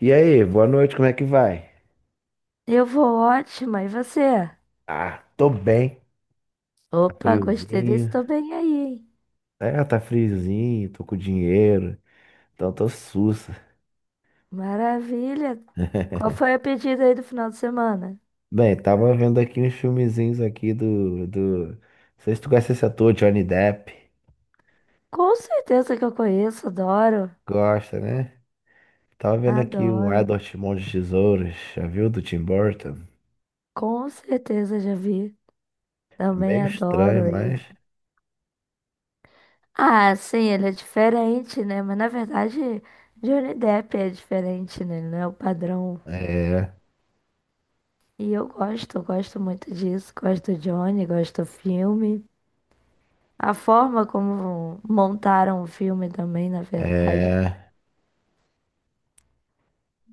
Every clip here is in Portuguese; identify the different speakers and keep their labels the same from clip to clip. Speaker 1: E aí, boa noite, como é que vai?
Speaker 2: Eu vou ótima, e você?
Speaker 1: Ah, tô bem. Tá
Speaker 2: Opa, gostei desse
Speaker 1: friozinho.
Speaker 2: também aí, hein?
Speaker 1: É, tá friozinho, tô com dinheiro, então tô sussa.
Speaker 2: Maravilha! Qual foi a pedida aí do final de semana?
Speaker 1: Bem, tava vendo aqui uns filmezinhos aqui Não sei se tu conhece esse ator, Johnny Depp.
Speaker 2: Com certeza que eu conheço, adoro,
Speaker 1: Gosta, né? Tava vendo aqui o
Speaker 2: adoro.
Speaker 1: Edward Mãos de Tesouros, já viu? Do Tim Burton.
Speaker 2: Com certeza já vi,
Speaker 1: É
Speaker 2: também
Speaker 1: meio estranho,
Speaker 2: adoro ele.
Speaker 1: mas...
Speaker 2: Ah, sim, ele é diferente, né? Mas na verdade, Johnny Depp é diferente, né? Ele não é o padrão.
Speaker 1: É,
Speaker 2: E eu gosto muito disso. Gosto do Johnny, gosto do filme. A forma como montaram o filme também, na verdade.
Speaker 1: é...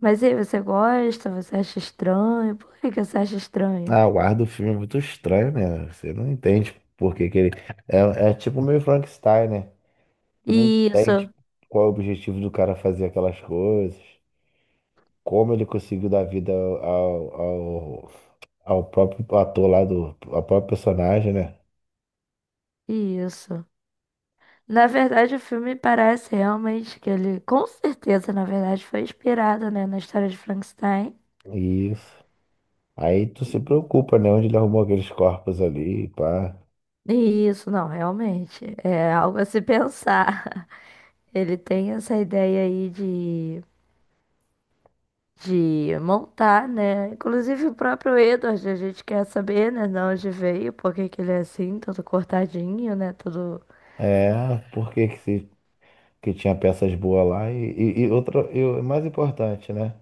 Speaker 2: Mas e aí, você gosta? Você acha estranho? Por que que você acha estranho?
Speaker 1: Ah, o ar do filme é muito estranho, né? Você não entende por que que ele... É tipo meio Frankenstein, né? Tu não
Speaker 2: Isso,
Speaker 1: entende qual é o objetivo do cara fazer aquelas coisas, como ele conseguiu dar vida ao próprio ator lá do, ao próprio personagem, né?
Speaker 2: isso. Na verdade, o filme parece realmente que ele, com certeza, na verdade, foi inspirado, né, na história de Frankenstein.
Speaker 1: Isso. Aí tu se preocupa, né? Onde ele arrumou aqueles corpos ali, pá.
Speaker 2: E isso, não, realmente. É algo a se pensar. Ele tem essa ideia aí de montar, né? Inclusive o próprio Edward, a gente quer saber, né, de onde veio, por que que ele é assim, todo cortadinho, né, todo...
Speaker 1: É, por que que, se- que tinha peças boas lá? E outra, e o mais importante, né?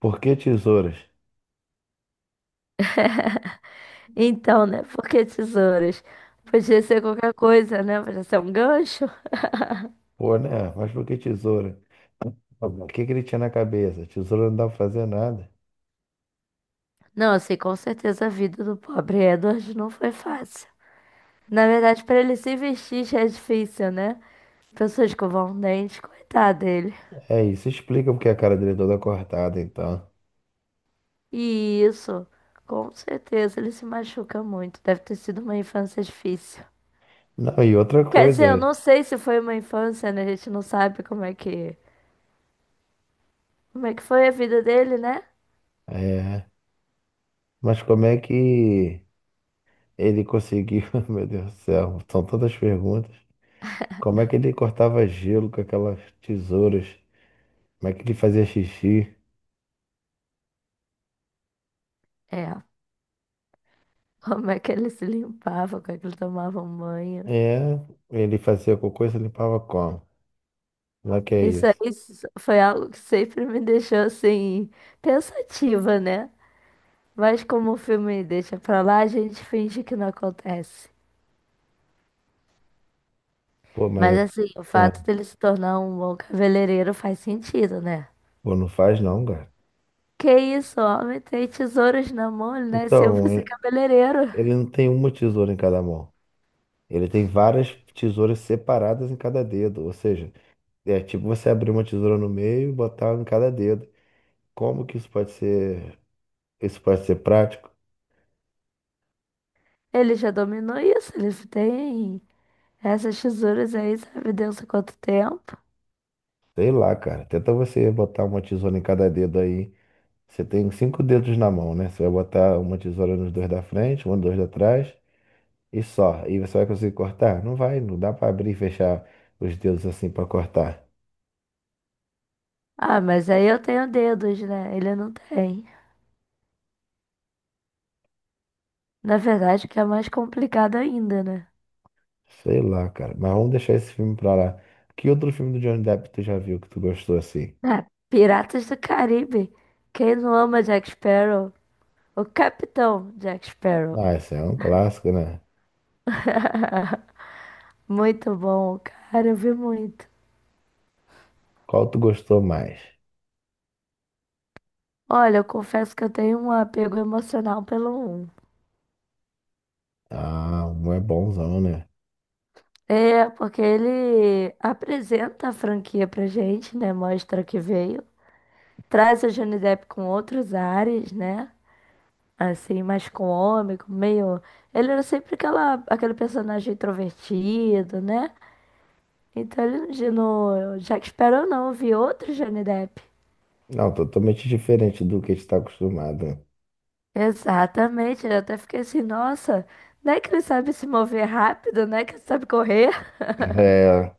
Speaker 1: Por que tesouras?
Speaker 2: Então, né, por que tesouras? Podia ser qualquer coisa, né? Podia ser um gancho.
Speaker 1: Pô, né? Mas por que tesoura? O que que ele tinha na cabeça? Tesoura não dá pra fazer nada.
Speaker 2: Não, assim, com certeza a vida do pobre Edward não foi fácil. Na verdade, para ele se vestir já é difícil, né? Pessoas escovam um dente, coitado dele.
Speaker 1: É isso, explica porque a cara dele é toda cortada então.
Speaker 2: E isso, com certeza, ele se machuca muito. Deve ter sido uma infância difícil.
Speaker 1: Não, e outra
Speaker 2: Quer dizer, eu
Speaker 1: coisa,
Speaker 2: não sei se foi uma infância, né? A gente não sabe como é que foi a vida dele, né?
Speaker 1: é, mas como é que ele conseguiu, meu Deus do céu, são tantas perguntas. Como é que ele cortava gelo com aquelas tesouras? Como é que ele fazia xixi?
Speaker 2: É, como é que ele se limpava, como é que ele tomava um banho.
Speaker 1: É, ele fazia cocô e se limpava como? Não é que é isso.
Speaker 2: Foi algo que sempre me deixou assim pensativa, né? Mas como o filme deixa pra lá, a gente finge que não acontece.
Speaker 1: Pô, mas
Speaker 2: Mas
Speaker 1: é-
Speaker 2: assim, o fato
Speaker 1: não,
Speaker 2: dele se tornar um bom cabeleireiro faz sentido, né?
Speaker 1: pô, não faz não, cara.
Speaker 2: Que isso, homem tem tesouros na mão, ele nasceu pra
Speaker 1: Então,
Speaker 2: ser
Speaker 1: e-
Speaker 2: cabeleireiro.
Speaker 1: Ele não tem uma tesoura em cada mão. Ele tem várias tesouras separadas em cada dedo, ou seja, é tipo você abrir uma tesoura no meio e botar em cada dedo. Como que isso pode ser prático?
Speaker 2: Ele já dominou isso, ele tem essas tesouras aí, sabe Deus há quanto tempo.
Speaker 1: Sei lá, cara. Tenta você botar uma tesoura em cada dedo aí. Você tem cinco dedos na mão, né? Você vai botar uma tesoura nos dois da frente, um dois da trás e só. E você vai conseguir cortar? Não vai, não dá pra abrir e fechar os dedos assim pra cortar.
Speaker 2: Ah, mas aí eu tenho dedos, né? Ele não tem. Na verdade, o que é mais complicado ainda, né?
Speaker 1: Sei lá, cara. Mas vamos deixar esse filme pra lá. Que outro filme do Johnny Depp tu já viu que tu gostou assim?
Speaker 2: Ah, Piratas do Caribe. Quem não ama Jack Sparrow? O Capitão Jack Sparrow.
Speaker 1: Ah, esse é um clássico, né?
Speaker 2: Muito bom, cara, eu vi muito.
Speaker 1: Qual tu gostou mais?
Speaker 2: Olha, eu confesso que eu tenho um apego emocional pelo um.
Speaker 1: Ah, um é bonzão, né?
Speaker 2: É, porque ele apresenta a franquia pra gente, né? Mostra que veio. Traz o Johnny Depp com outros ares, né? Assim, mais cômico, meio. Ele era sempre aquele personagem introvertido, né? Então no Jack Sparrow não, eu vi outro Johnny Depp.
Speaker 1: Não, totalmente diferente do que a gente tá acostumado, né?
Speaker 2: Exatamente, eu até fiquei assim, nossa, não é que ele sabe se mover rápido, não é que ele sabe correr.
Speaker 1: É,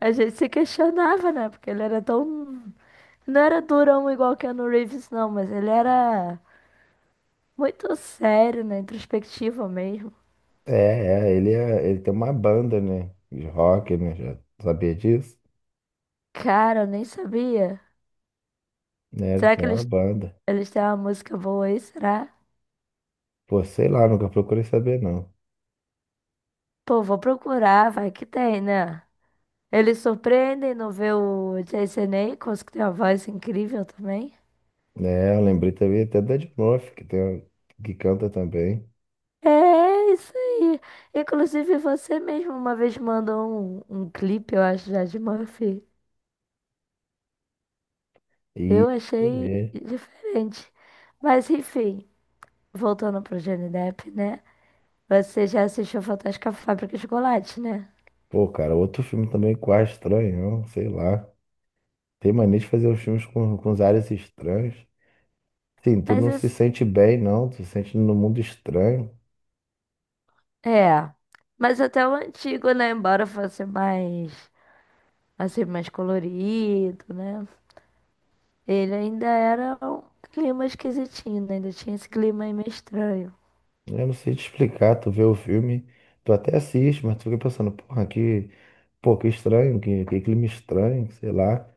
Speaker 2: A gente se questionava, né? Porque ele era tão. Não era durão igual Keanu Reeves, não, mas ele era muito sério, né? Introspectivo mesmo.
Speaker 1: ele tem uma banda, né? De rock, né? Já sabia disso?
Speaker 2: Cara, eu nem sabia.
Speaker 1: Né, ele
Speaker 2: Será
Speaker 1: tem
Speaker 2: que
Speaker 1: uma
Speaker 2: eles,
Speaker 1: banda.
Speaker 2: eles têm uma música boa aí? Será?
Speaker 1: Pô, sei lá, nunca procurei saber, não.
Speaker 2: Pô, vou procurar, vai que tem, né? Eles surpreendem no ver o Jason Ackles, que tem uma voz incrível também.
Speaker 1: Né, eu lembrei também até da Ed Murphy, que, tem, que canta também.
Speaker 2: É isso aí. Inclusive, você mesmo uma vez mandou um clipe, eu acho, já de Murphy.
Speaker 1: E,
Speaker 2: Eu achei
Speaker 1: é,
Speaker 2: diferente. Mas, enfim, voltando pro Johnny Depp, né? Você já assistiu Fantástica Fábrica de Chocolate, né?
Speaker 1: pô, cara, outro filme também quase estranho, sei lá. Tem mania de fazer os filmes com os áreas estranhos. Sim, tu não se
Speaker 2: Mas
Speaker 1: sente bem, não. Tu se sente no mundo estranho.
Speaker 2: É, mas até o antigo, né? Embora fosse mais, assim, mais colorido, né? Ele ainda era um clima esquisitinho, né? Ainda tinha esse clima aí meio estranho.
Speaker 1: Eu não sei te explicar, tu vê o filme, tu até assiste, mas tu fica pensando, porra, pô, que estranho, que clima estranho, sei lá.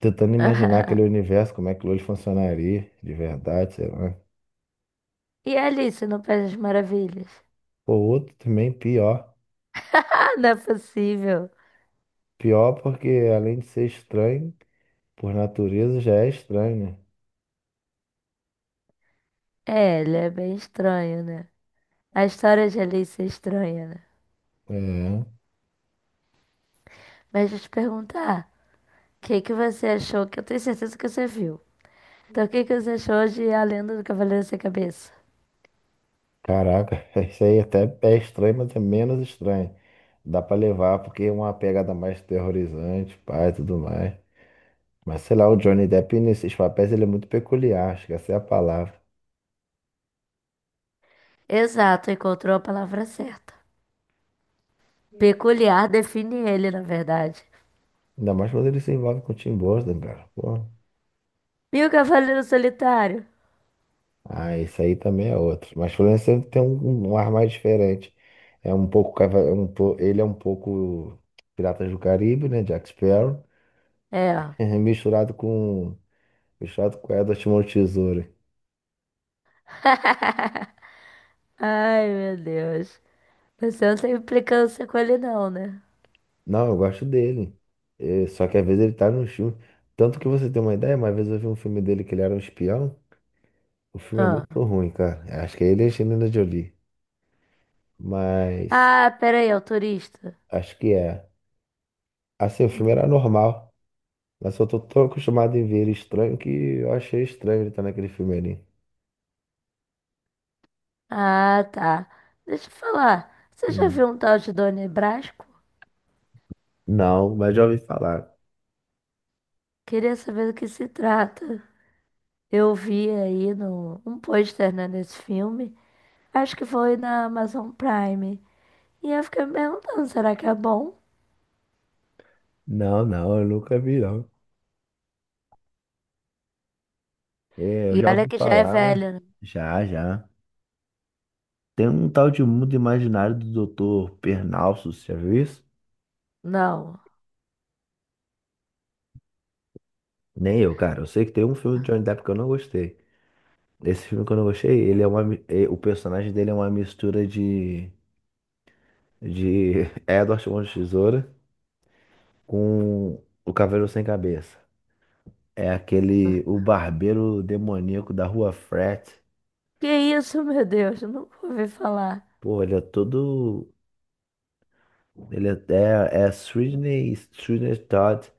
Speaker 1: Tentando imaginar aquele universo, como é que aquilo ali funcionaria, de verdade, sei lá.
Speaker 2: E Alice no País das Maravilhas?
Speaker 1: Pô, outro também pior.
Speaker 2: Ah, não é possível.
Speaker 1: Pior porque além de ser estranho, por natureza já é estranho,
Speaker 2: É, ele é bem estranho, né? A história de Alice é estranha, né?
Speaker 1: né? É.
Speaker 2: Mas deixa eu te perguntar, o que que você achou? Que eu tenho certeza que você viu. Então, o que que você achou de A Lenda do Cavaleiro Sem Cabeça?
Speaker 1: Caraca, isso aí até é estranho, mas é menos estranho. Dá pra levar porque é uma pegada mais terrorizante, pai, tudo mais. Mas sei lá, o Johnny Depp nesses papéis ele é muito peculiar, acho que essa é a palavra.
Speaker 2: Exato, encontrou a palavra certa. Peculiar define ele, na verdade.
Speaker 1: Ainda mais quando ele se envolve com o Tim Burton, cara. Pô.
Speaker 2: E o Cavaleiro Solitário?
Speaker 1: Ah, isso aí também é outro. Mas Florence sempre tem um ar mais diferente. É um pouco. Cava- é um po- Ele é um pouco Piratas do Caribe, né? Jack Sparrow.
Speaker 2: É, ó.
Speaker 1: Misturado com. Misturado com Edward Mão Tesoura.
Speaker 2: Ai, meu Deus. Você não tem implicância com ele, não, né?
Speaker 1: Não, eu gosto dele. É, só que às vezes ele tá no filme. Tanto que você tem uma ideia, uma vez eu vi um filme dele que ele era um espião. O filme é
Speaker 2: Ah,
Speaker 1: muito ruim, cara. Acho que é ele e a Angelina Jolie. Mas
Speaker 2: ah, peraí, é o turista.
Speaker 1: acho que é. Assim, o filme era normal, mas eu tô tão acostumado em ver ele estranho que eu achei estranho ele estar naquele filme ali.
Speaker 2: Ah, tá. Deixa eu falar. Você já
Speaker 1: Hum.
Speaker 2: viu um tal de Dona Brasco?
Speaker 1: Não, mas já ouvi falar.
Speaker 2: Queria saber do que se trata. Eu vi aí no, um pôster, né, desse filme. Acho que foi na Amazon Prime. E eu fiquei me perguntando, será que é bom?
Speaker 1: Não, não, eu nunca vi, não. É, eu
Speaker 2: E
Speaker 1: já
Speaker 2: olha
Speaker 1: ouvi
Speaker 2: que já é
Speaker 1: falar, mas
Speaker 2: velho, né?
Speaker 1: já, já. Tem um tal de mundo imaginário do doutor Pernalso, você já viu isso?
Speaker 2: Não.
Speaker 1: Nem eu, cara. Eu sei que tem um filme do Johnny Depp que eu não gostei. Esse filme que eu não gostei, ele é uma, o personagem dele é uma mistura de Edward Mãos de Tesoura com o Cavaleiro Sem Cabeça. É aquele, o barbeiro demoníaco da rua Frat.
Speaker 2: Que isso, meu Deus, eu nunca ouvi falar.
Speaker 1: Pô, ele é todo. Ele é Sweeney, Sweeney Todd.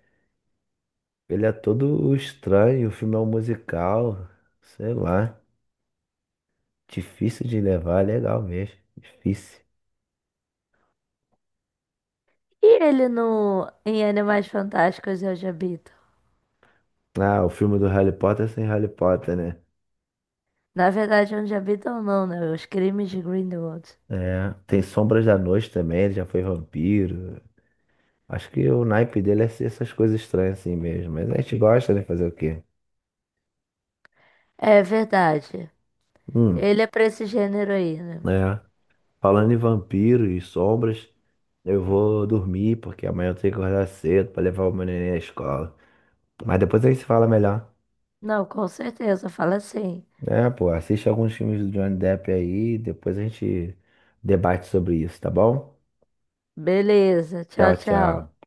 Speaker 1: Ele é todo estranho. O filme é um musical. Sei lá. Difícil de levar. Legal mesmo. Difícil.
Speaker 2: E ele no em Animais Fantásticos e Onde Habitam?
Speaker 1: Ah, o filme do Harry Potter sem Harry Potter, né?
Speaker 2: Na verdade, Onde Habitam não, né? Os Crimes de Grindelwald.
Speaker 1: É. Tem Sombras da Noite também. Ele já foi vampiro. Acho que o naipe dele é ser essas coisas estranhas assim mesmo. Mas a gente gosta, né? Fazer o quê?
Speaker 2: É verdade.
Speaker 1: Hum.
Speaker 2: Ele é pra esse gênero aí, né?
Speaker 1: É, falando em vampiro e sombras, eu vou dormir porque amanhã eu tenho que acordar cedo pra levar o meu neném à escola. Mas depois a gente se fala melhor.
Speaker 2: Não, com certeza, fala assim.
Speaker 1: É, pô, assiste alguns filmes do Johnny Depp aí, depois a gente debate sobre isso, tá bom?
Speaker 2: Beleza, tchau,
Speaker 1: Tchau,
Speaker 2: tchau.
Speaker 1: tchau.